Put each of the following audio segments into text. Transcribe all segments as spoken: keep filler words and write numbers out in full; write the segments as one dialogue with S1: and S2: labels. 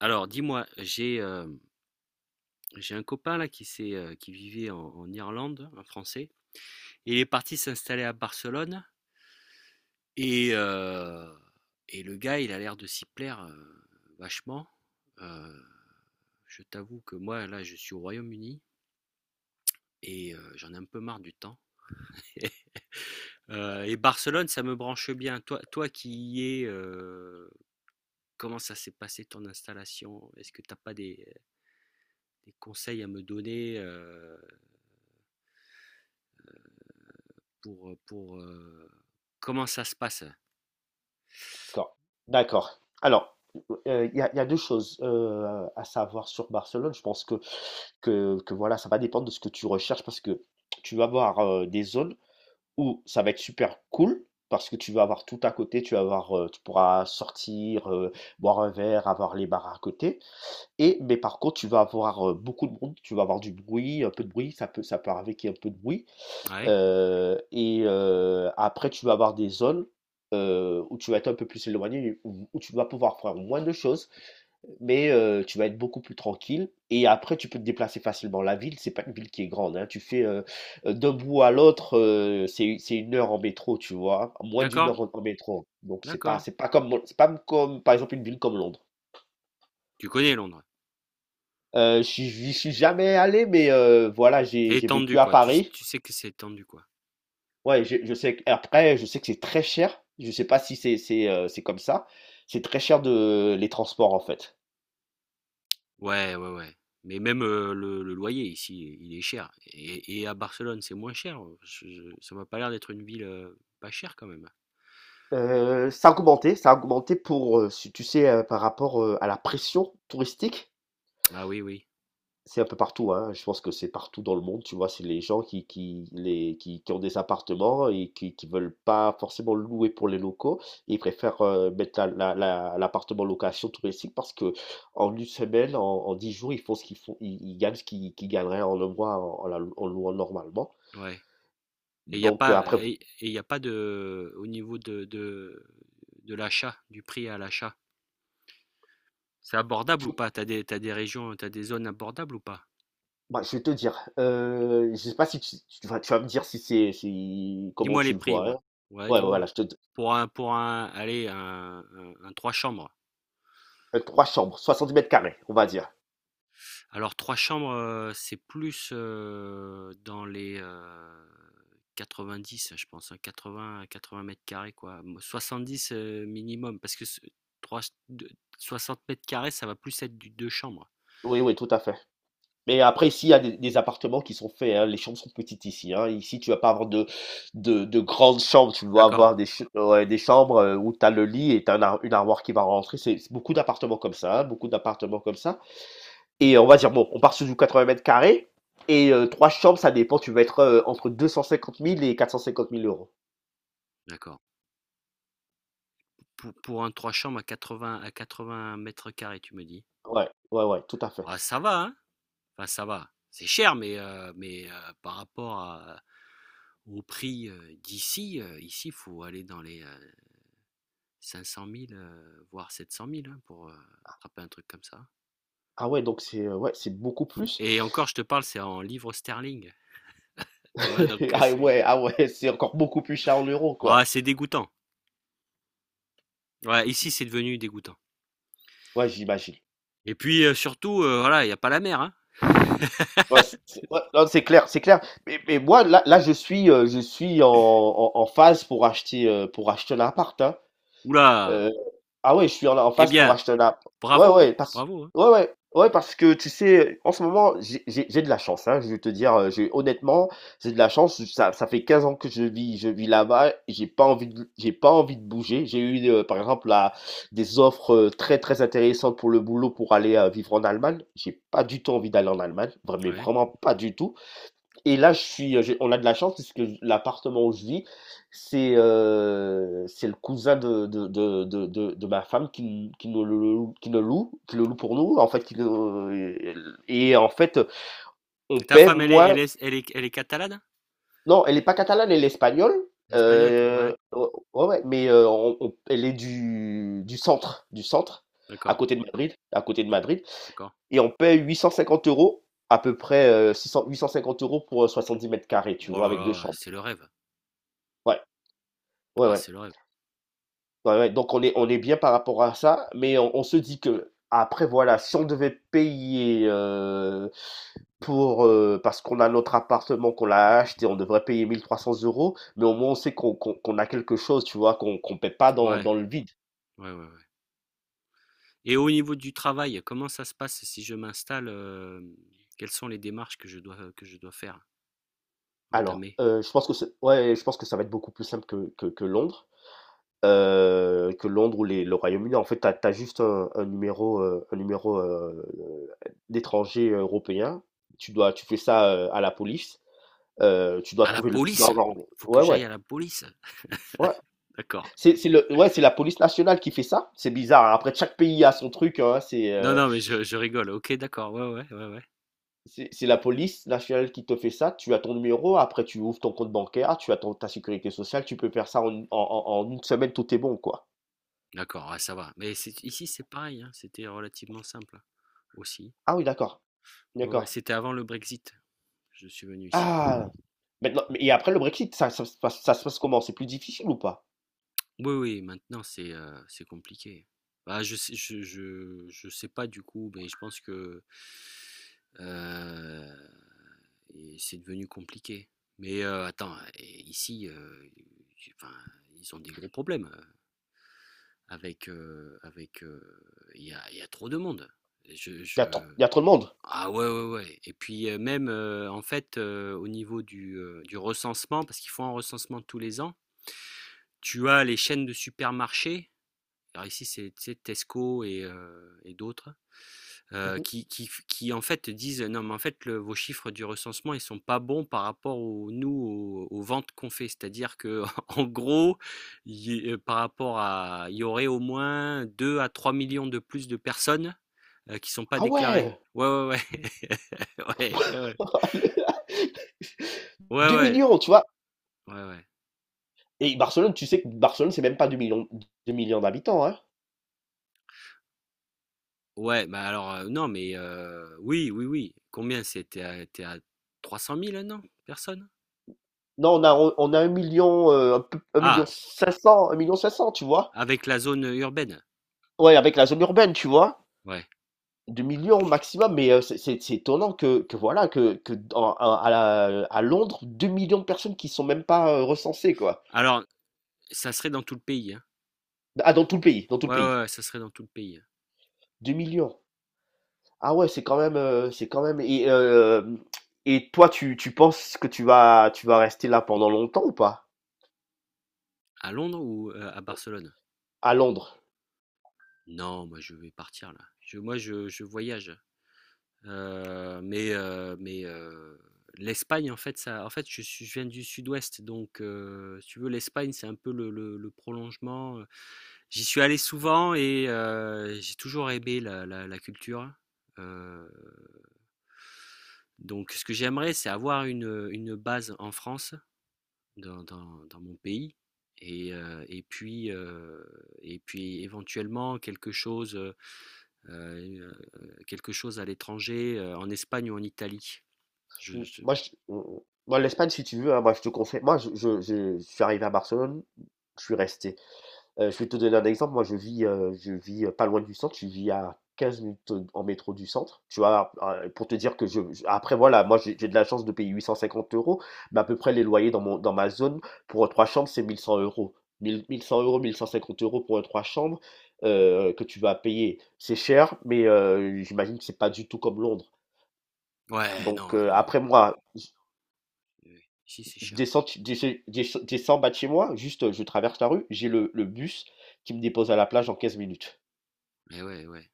S1: Alors, dis-moi, j'ai euh, j'ai un copain là qui s'est euh, qui vivait en, en Irlande, un Français, et il est parti s'installer à Barcelone et euh, et le gars, il a l'air de s'y plaire euh, vachement. Euh, je t'avoue que moi là, je suis au Royaume-Uni et euh, j'en ai un peu marre du temps. Euh, et Barcelone, ça me branche bien. Toi, toi qui y es, euh, comment ça s'est passé ton installation? Est-ce que t'as pas des, des conseils à me donner? euh, pour, euh, pour euh, comment ça se passe, hein?
S2: D'accord, d'accord. Alors, heu, il y a il y a deux choses, heu, à savoir sur Barcelone. Je pense que que que voilà, ça va dépendre de ce que tu recherches parce que tu vas avoir, heu, des zones où ça va être super cool parce que tu vas avoir tout à côté, tu vas avoir, heu, tu pourras sortir, heu, boire un verre, avoir les bars à côté et mais par contre, tu vas avoir, heu, beaucoup de monde, tu vas avoir du bruit, un peu de bruit, ça peut ça peut arriver qu'il y ait un peu de bruit.
S1: Ouais,
S2: Heu et heu, après tu vas avoir des zones, heu, où tu vas être un peu plus éloigné, où où tu vas pouvoir faire moins de choses, mais heu, tu vas être beaucoup plus tranquille et après tu peux te déplacer facilement. La ville, c'est pas une ville qui est grande, hein. Tu fais, heu, heu, d'un bout à l'autre, heu, c'est c'est une heure en métro, tu vois? Moins d'une
S1: d'accord,
S2: heure en en métro, donc c'est pas
S1: d'accord.
S2: c'est pas comme Mon c'est pas comme, par exemple, une ville comme Londres.
S1: Tu connais Londres.
S2: Heu, je suis J'y suis jamais allé mais heu, voilà,
S1: C'est
S2: j'ai j'ai
S1: étendu,
S2: vécu à
S1: quoi. Tu,
S2: Paris.
S1: tu sais que c'est étendu, quoi.
S2: Ouais, je, je sais. que- Après, je sais que c'est très cher. Je sais pas si c'est c'est euh, c'est comme ça. C'est très cher de les transports en fait.
S1: Ouais, ouais, ouais. Mais même euh, le, le loyer ici, il est cher. Et, et à Barcelone, c'est moins cher. Je- je- ça m'a pas l'air d'être une ville euh, pas chère quand même.
S2: Euh, ça a augmenté, ça a augmenté pour, euh, si tu sais, euh, par rapport euh, à la pression touristique.
S1: Ah oui, oui.
S2: C'est un peu partout, hein. Je pense que c'est partout dans le monde, tu vois. C'est les gens qui, qui, les, qui, qui ont des appartements et qui, qui veulent pas forcément louer pour les locaux. Ils préfèrent euh, mettre la, la- la- l'appartement en location touristique parce que en une semaine, en, en dix jours, ils font ce qu'ils font, ils, ils gagnent ce qu'ils qu'ils gagneraient en un mois, en, en la- en louant normalement.
S1: Ouais. Et il n'y a
S2: Donc euh,
S1: pas,
S2: après,
S1: et il a pas de, au niveau de, de, de l'achat, du prix à l'achat. C'est abordable ou pas? T'as des, t'as des régions, t'as des zones abordables ou pas?
S2: bah, je vais te dire, euh, je sais pas si tu, tu vas, tu vas me dire si c'est, si, comment
S1: Dis-moi
S2: tu
S1: les
S2: le
S1: prix,
S2: vois,
S1: ouais.
S2: hein.
S1: Ouais,
S2: Ouais,
S1: dis-moi.
S2: voilà, je te,
S1: Pour un, pour un, allez, un, un, un trois chambres.
S2: euh, trois chambres, soixante dix mètres carrés, on va dire.
S1: Alors, trois chambres, euh, c'est plus euh, dans les euh, quatre-vingt-dix, je pense, hein, quatre-vingts quatre-vingts mètres carrés, quoi. Mo- soixante-dix euh, minimum, parce que ce- trois- deux- soixante mètres carrés, ça va plus être du deux chambres.
S2: Oui, oui, tout à fait. Mais après, ici, il y a des, des appartements qui sont faits, hein. Les chambres sont petites ici, hein. Ici, tu vas pas avoir de, de, de grandes chambres. Tu dois
S1: D'accord,
S2: avoir des, ch- ouais, des chambres, euh, où tu as le lit et tu as une armoire qui va rentrer. C'est c'est beaucoup d'appartements comme ça, hein. Beaucoup d'appartements comme ça. Et on va dire, bon, on part sur du quatre-vingts mètres carrés. Et euh, trois chambres, ça dépend. Tu vas être euh, entre deux cent cinquante mille et quatre cent cinquante mille euros.
S1: d'accord. Pour, pour un trois chambres à quatre-vingts, à quatre-vingts mètres carrés, tu me dis.
S2: Ouais, ouais, ouais, tout à fait.
S1: Ah, ça va, hein? Enfin, ça va. C'est cher, mais, euh, mais euh, par rapport à- au prix euh, d'ici, euh, ici, il faut aller dans les euh, cinq cent mille, euh, voire sept cent mille, hein, pour euh, attraper un truc comme ça.
S2: Ah ouais, donc c'est euh, ouais, c'est beaucoup plus.
S1: Et encore, je te parle, c'est en livres sterling. Tu vois, donc euh,
S2: Ah
S1: c'est
S2: ouais, ah ouais, c'est encore beaucoup plus cher en euros,
S1: ah,
S2: quoi.
S1: c'est dégoûtant. Ouais, ici, c'est devenu dégoûtant.
S2: Ouais, j'imagine.
S1: Et puis, euh, surtout, euh, voilà, il n'y a pas la mer, hein.
S2: Ouais, c'est c'est- ouais, non, c'est clair, c'est clair. Mais, mais moi, là, là, je suis, euh, je suis en, en, en phase pour acheter, euh, pour acheter un appart, hein.
S1: Oula!
S2: Heu, ah ouais, je suis en en
S1: Eh
S2: phase pour
S1: bien,
S2: acheter un app. Ouais,
S1: bravo, hein,
S2: ouais, parce
S1: bravo, hein.
S2: ouais, ouais, ouais, parce que tu sais, en ce moment, j'ai j'ai j'ai de la chance, hein, je vais te dire, heu, j'ai honnêtement, j'ai de la chance, ça ça fait quinze ans que je vis je vis là-bas et j'ai pas envie de j'ai pas envie de bouger. J'ai eu, heu, par exemple, là, des offres, heu, très, très intéressantes pour le boulot pour aller, heu, vivre en Allemagne. J'ai pas du tout envie d'aller en Allemagne, vra mais
S1: Ouais.
S2: vraiment pas du tout. Et là, je suis, j'ai- on a de la chance puisque l'appartement où je vis, c'est euh, c'est le cousin de, de, de, de, de, de ma femme, qui, qui nous le loue, qui nous loue, qui le loue pour nous, en fait, qui nous, et en fait, on
S1: Et ta
S2: paie,
S1: femme, elle est, elle
S2: moi,
S1: est, elle est, elle est catalane?
S2: non, elle est pas catalane, elle est espagnole,
S1: Espagnole? Ouais,
S2: euh, ouais, ouais, ouais, mais euh, on- on- elle est du, du centre, du centre, à
S1: d'accord.
S2: côté de Madrid, à côté de
S1: D'accord.
S2: Madrid,
S1: d'accord.
S2: et on paie huit cent cinquante euros, à peu près euh, six cents, huit cent cinquante euros pour euh, dix mètres carrés, tu
S1: Oh
S2: vois,
S1: là
S2: avec deux
S1: là,
S2: chambres.
S1: c'est le rêve.
S2: Ouais. Ouais,
S1: Ah,
S2: ouais.
S1: c'est le rêve.
S2: Ouais, ouais. Donc on est on est bien par rapport à ça, mais on on se dit que après voilà, si on devait payer, heu, pour, heu, parce qu'on a notre appartement, qu'on l'a acheté, on devrait payer mille trois cents euros mais au moins on sait qu'on qu'on qu'on a quelque chose, tu vois? Qu'on qu'on paie pas dans
S1: Ouais,
S2: dans le vide.
S1: ouais, ouais, ouais. Et au niveau du travail, comment ça se passe si je m'installe, euh, quelles sont les démarches que je dois, que je dois faire,
S2: Alors,
S1: entamer?
S2: heu, je pense que c'est ouais, je pense que ça va être beaucoup plus simple que que que Londres, heu, que Londres ou les le Royaume-Uni. En fait, tu as juste un un numéro, heu, un numéro, heu, d'étranger européen. Tu dois tu fais ça, heu, à la police. Heu, tu dois
S1: À la
S2: trouver le tu dois
S1: police?
S2: avoir.
S1: Faut que
S2: Ouais,
S1: j'aille
S2: ouais,
S1: à la police.
S2: ouais.
S1: D'accord.
S2: C'est c'est le Ouais, c'est la police nationale qui fait ça. C'est bizarre, hein. Après chaque pays a son truc, hein. C'est,
S1: Non,
S2: heu,
S1: non, mais je, je rigole. Ok, d'accord. Ouais, ouais, ouais, ouais.
S2: c'est c'est la police nationale qui te fait ça. Tu as ton numéro, après tu ouvres ton compte bancaire, tu as ton ta sécurité sociale, tu peux faire ça en une en en en une semaine, tout est bon, quoi.
S1: D'accord, ouais, ça va. Mais c'est- ici, c'est pareil, hein, c'était relativement simple hein, aussi.
S2: Ah oui, d'accord,
S1: Ouais, ouais,
S2: d'accord.
S1: c'était avant le Brexit. Je suis venu ici.
S2: Ah! Maintenant et après le Brexit, ça ça se passe ça se passe comment? C'est plus difficile ou pas?
S1: Oui, oui, maintenant c'est euh, c'est compliqué. Bah, je sais, je, je, je sais pas du coup, mais je pense que euh, et c'est devenu compliqué. Mais euh, attends, et ici, euh, j'ai- enfin, ils ont des gros problèmes euh, avec euh, avec. euh, Il y a, il y a trop de monde. Je,
S2: Il y a trop
S1: je...
S2: y a trop de monde?
S1: Ah, ouais, ouais, ouais. Et puis euh, même euh, en fait, euh, au niveau du, euh, du recensement, parce qu'ils font un recensement tous les ans, tu as les chaînes de supermarchés, alors ici, c'est Tesco et, euh, et d'autres, euh,
S2: Mmh.
S1: qui, qui, qui, en fait, disent non, mais en fait le- vos chiffres du recensement ils sont pas bons par rapport au, nous aux, aux ventes qu'on fait. C'est-à-dire que en gros, y- euh, par rapport à, il y aurait au moins deux à trois millions de plus de personnes euh, qui sont pas
S2: Ah
S1: déclarées.
S2: ouais!
S1: Ouais, ouais, ouais, ouais, ouais, ouais,
S2: Deux
S1: ouais,
S2: millions, tu vois?
S1: ouais, ouais.
S2: Et Barcelone, tu sais que Barcelone, c'est même pas deux millions, deux millions d'habitants, hein.
S1: Ouais, ouais bah alors euh, non, mais euh, oui, oui, oui. Combien c'était à, t'es à trois cent mille, non? Personnes.
S2: Non, on a, on a un million, euh, un peu- un million
S1: Ah,
S2: cinq cents, un million cinq cents, tu vois.
S1: avec la zone urbaine?
S2: Ouais, avec la zone urbaine, tu vois.
S1: Ouais.
S2: Deux millions au maximum, mais euh, c'est c'est- c'est étonnant que, que voilà, que, que dans- à, à la- à Londres, deux millions de personnes qui sont même pas euh, recensées, quoi.
S1: Alors, ça serait dans tout le pays, hein.
S2: Ah, dans tout le pays, dans tout le
S1: Ouais, ouais,
S2: pays.
S1: ouais, ça serait dans tout le pays, hein.
S2: Deux millions. Ah ouais, c'est quand même, euh, c'est quand même. Et, euh, et toi, tu, tu penses que tu vas, tu vas rester là pendant longtemps ou pas?
S1: À Londres ou heu, à Barcelone?
S2: À Londres.
S1: Non, moi, je vais partir là. Je moi, je je voyage, heu, mais heu, mais heu, l'Espagne, en fait, ça en fait, je suis je viens du sud-ouest, donc heu, si tu veux, l'Espagne, c'est un peu le le le prolongement, j'y suis allé souvent et heu, j'ai toujours aimé la la la culture, heu donc ce que j'aimerais, c'est avoir une, une base en France dans, dans, dans mon pays. Et, euh, et, puis, euh, et puis éventuellement quelque chose, euh, euh, quelque chose à l'étranger, euh, en Espagne ou en Italie. Je,
S2: Mm.
S1: je-
S2: Moi, je- mm, moi, l'Espagne, si tu veux, hein, moi, je te conseille. Moi, je, je, je- je suis arrivé à Barcelone, je suis resté. Euh, je vais te donner un exemple. Moi, je vis, euh, je vis euh, pas loin du centre. Je vis à quinze minutes euh, en métro du centre. Tu vois, euh, pour te dire que je. Je- Après, voilà, moi, j'ai j'ai de la chance de payer huit cent cinquante euros, mais à peu près les loyers dans mon, dans ma zone pour euh, trois chambres, c'est mille cent euros. mille, mille cent euros, mille cent cinquante euros pour euh, trois chambres, euh, que tu vas payer. C'est cher, mais euh, j'imagine que c'est pas du tout comme Londres.
S1: Ouais,
S2: Donc
S1: non,
S2: euh,
S1: euh,
S2: après moi,
S1: euh, ici c'est
S2: Je
S1: cher.
S2: descends, de chez- de chez- je descends bas de chez moi, juste euh, je traverse la rue, j'ai le, le bus qui me dépose à la plage en quinze minutes.
S1: Mais ouais, ouais,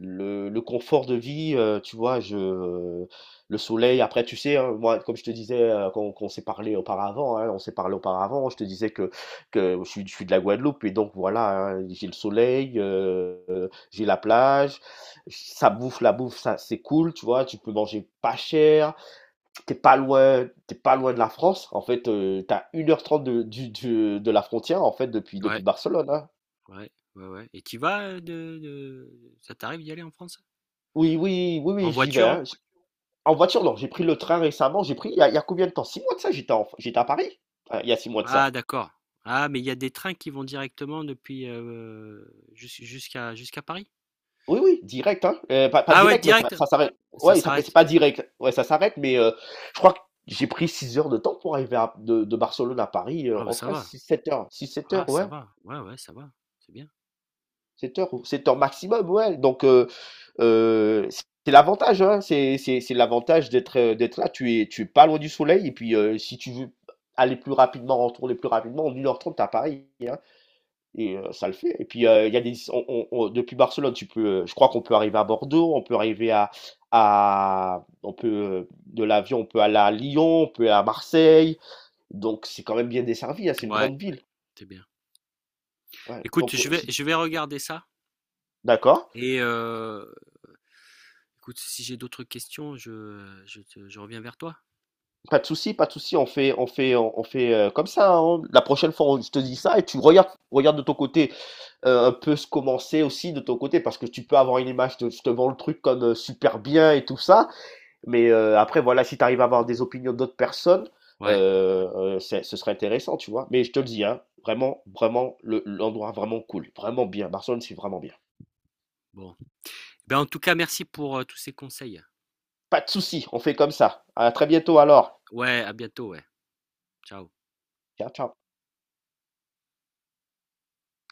S2: Le, le confort de vie, euh, tu vois, je, le soleil, après, tu sais, hein, moi, comme je te disais, euh, quand, quand on s'est parlé auparavant, hein, on s'est parlé auparavant, je te disais que, que je suis, je suis de la Guadeloupe et donc voilà, hein, j'ai le soleil, euh, euh, j'ai la plage, ça bouffe, la bouffe, ça c'est cool, tu vois, tu peux manger pas cher, t'es pas loin, t'es pas loin de la France. En fait, euh, t'as une heure trente de, du, du- de la frontière, en fait, depuis,
S1: ouais,
S2: depuis Barcelone, hein.
S1: ouais, ouais, ouais. Et tu vas euh, de, de... ça t'arrive d'y aller en France?
S2: Oui, oui, oui,
S1: En
S2: oui, j'y vais,
S1: voiture?
S2: hein. J- En voiture, non, j'ai pris le train récemment. J'ai pris, il y a, il y a combien de temps? Six mois de ça, j'étais en- j'étais à Paris. Ah, il y a six mois de
S1: Ah,
S2: ça.
S1: d'accord. Ah, mais il y a des trains qui vont directement depuis euh, jus- jusqu'à jusqu'à Paris.
S2: Oui, oui, direct, hein. Euh, pas, pas
S1: Ah ouais,
S2: direct, mais ça,
S1: direct.
S2: ça s'arrête.
S1: Ça
S2: Ouais, ça, c'est
S1: s'arrête.
S2: pas direct. Ouais, ça s'arrête, mais euh, je crois que j'ai pris six heures de temps pour arriver à- de, de Barcelone à Paris euh,
S1: Ah bah
S2: en
S1: ça
S2: train.
S1: va.
S2: Six sept heures. Six sept
S1: Ah
S2: heures,
S1: ça
S2: ouais.
S1: va, ouais, ouais, ça va, c'est bien.
S2: Sept heures, sept heures maximum, ouais. Donc, euh, Euh, c'est l'avantage, hein, c'est c'est- c'est l'avantage d'être euh, d'être là. Tu es, tu es pas loin du soleil. Et puis, euh, si tu veux aller plus rapidement, retourner plus rapidement, en une heure trente, t'as Paris, hein, et euh, ça le fait. Et puis, euh, il y a des, on- on- on- depuis Barcelone, tu peux, euh, je crois qu'on peut arriver à Bordeaux, on peut arriver à, à on peut, euh, de l'avion, on peut aller à Lyon, on peut aller à Marseille. Donc, c'est quand même bien desservi, hein, c'est une
S1: Ouais,
S2: grande ville.
S1: c'est bien.
S2: Ouais.
S1: Écoute,
S2: Donc,
S1: je
S2: euh,
S1: vais,
S2: si-
S1: je vais regarder ça
S2: d'accord.
S1: et euh, écoute, si j'ai d'autres questions, je, je, te- je reviens vers toi.
S2: Pas de souci, pas de souci, on fait, on fait, on fait euh, comme ça, hein. La prochaine fois, on, je te dis ça et tu regardes, regarde de ton côté, euh, un peu ce commencer aussi de ton côté parce que tu peux avoir une image de je te vends le truc comme euh, super bien et tout ça. Mais euh, après, voilà, si tu arrives à avoir des opinions d'autres personnes,
S1: Ouais,
S2: euh, euh, c'est- ce serait intéressant, tu vois. Mais je te le dis, hein, vraiment, vraiment, le- l'endroit vraiment cool, vraiment bien. Barcelone, c'est vraiment bien.
S1: bon. Ben, en tout cas, merci pour euh, tous ces conseils.
S2: Pas de souci, on fait comme ça. À très bientôt alors.
S1: Ouais, à bientôt, ouais. Ciao.
S2: Ciao, ciao.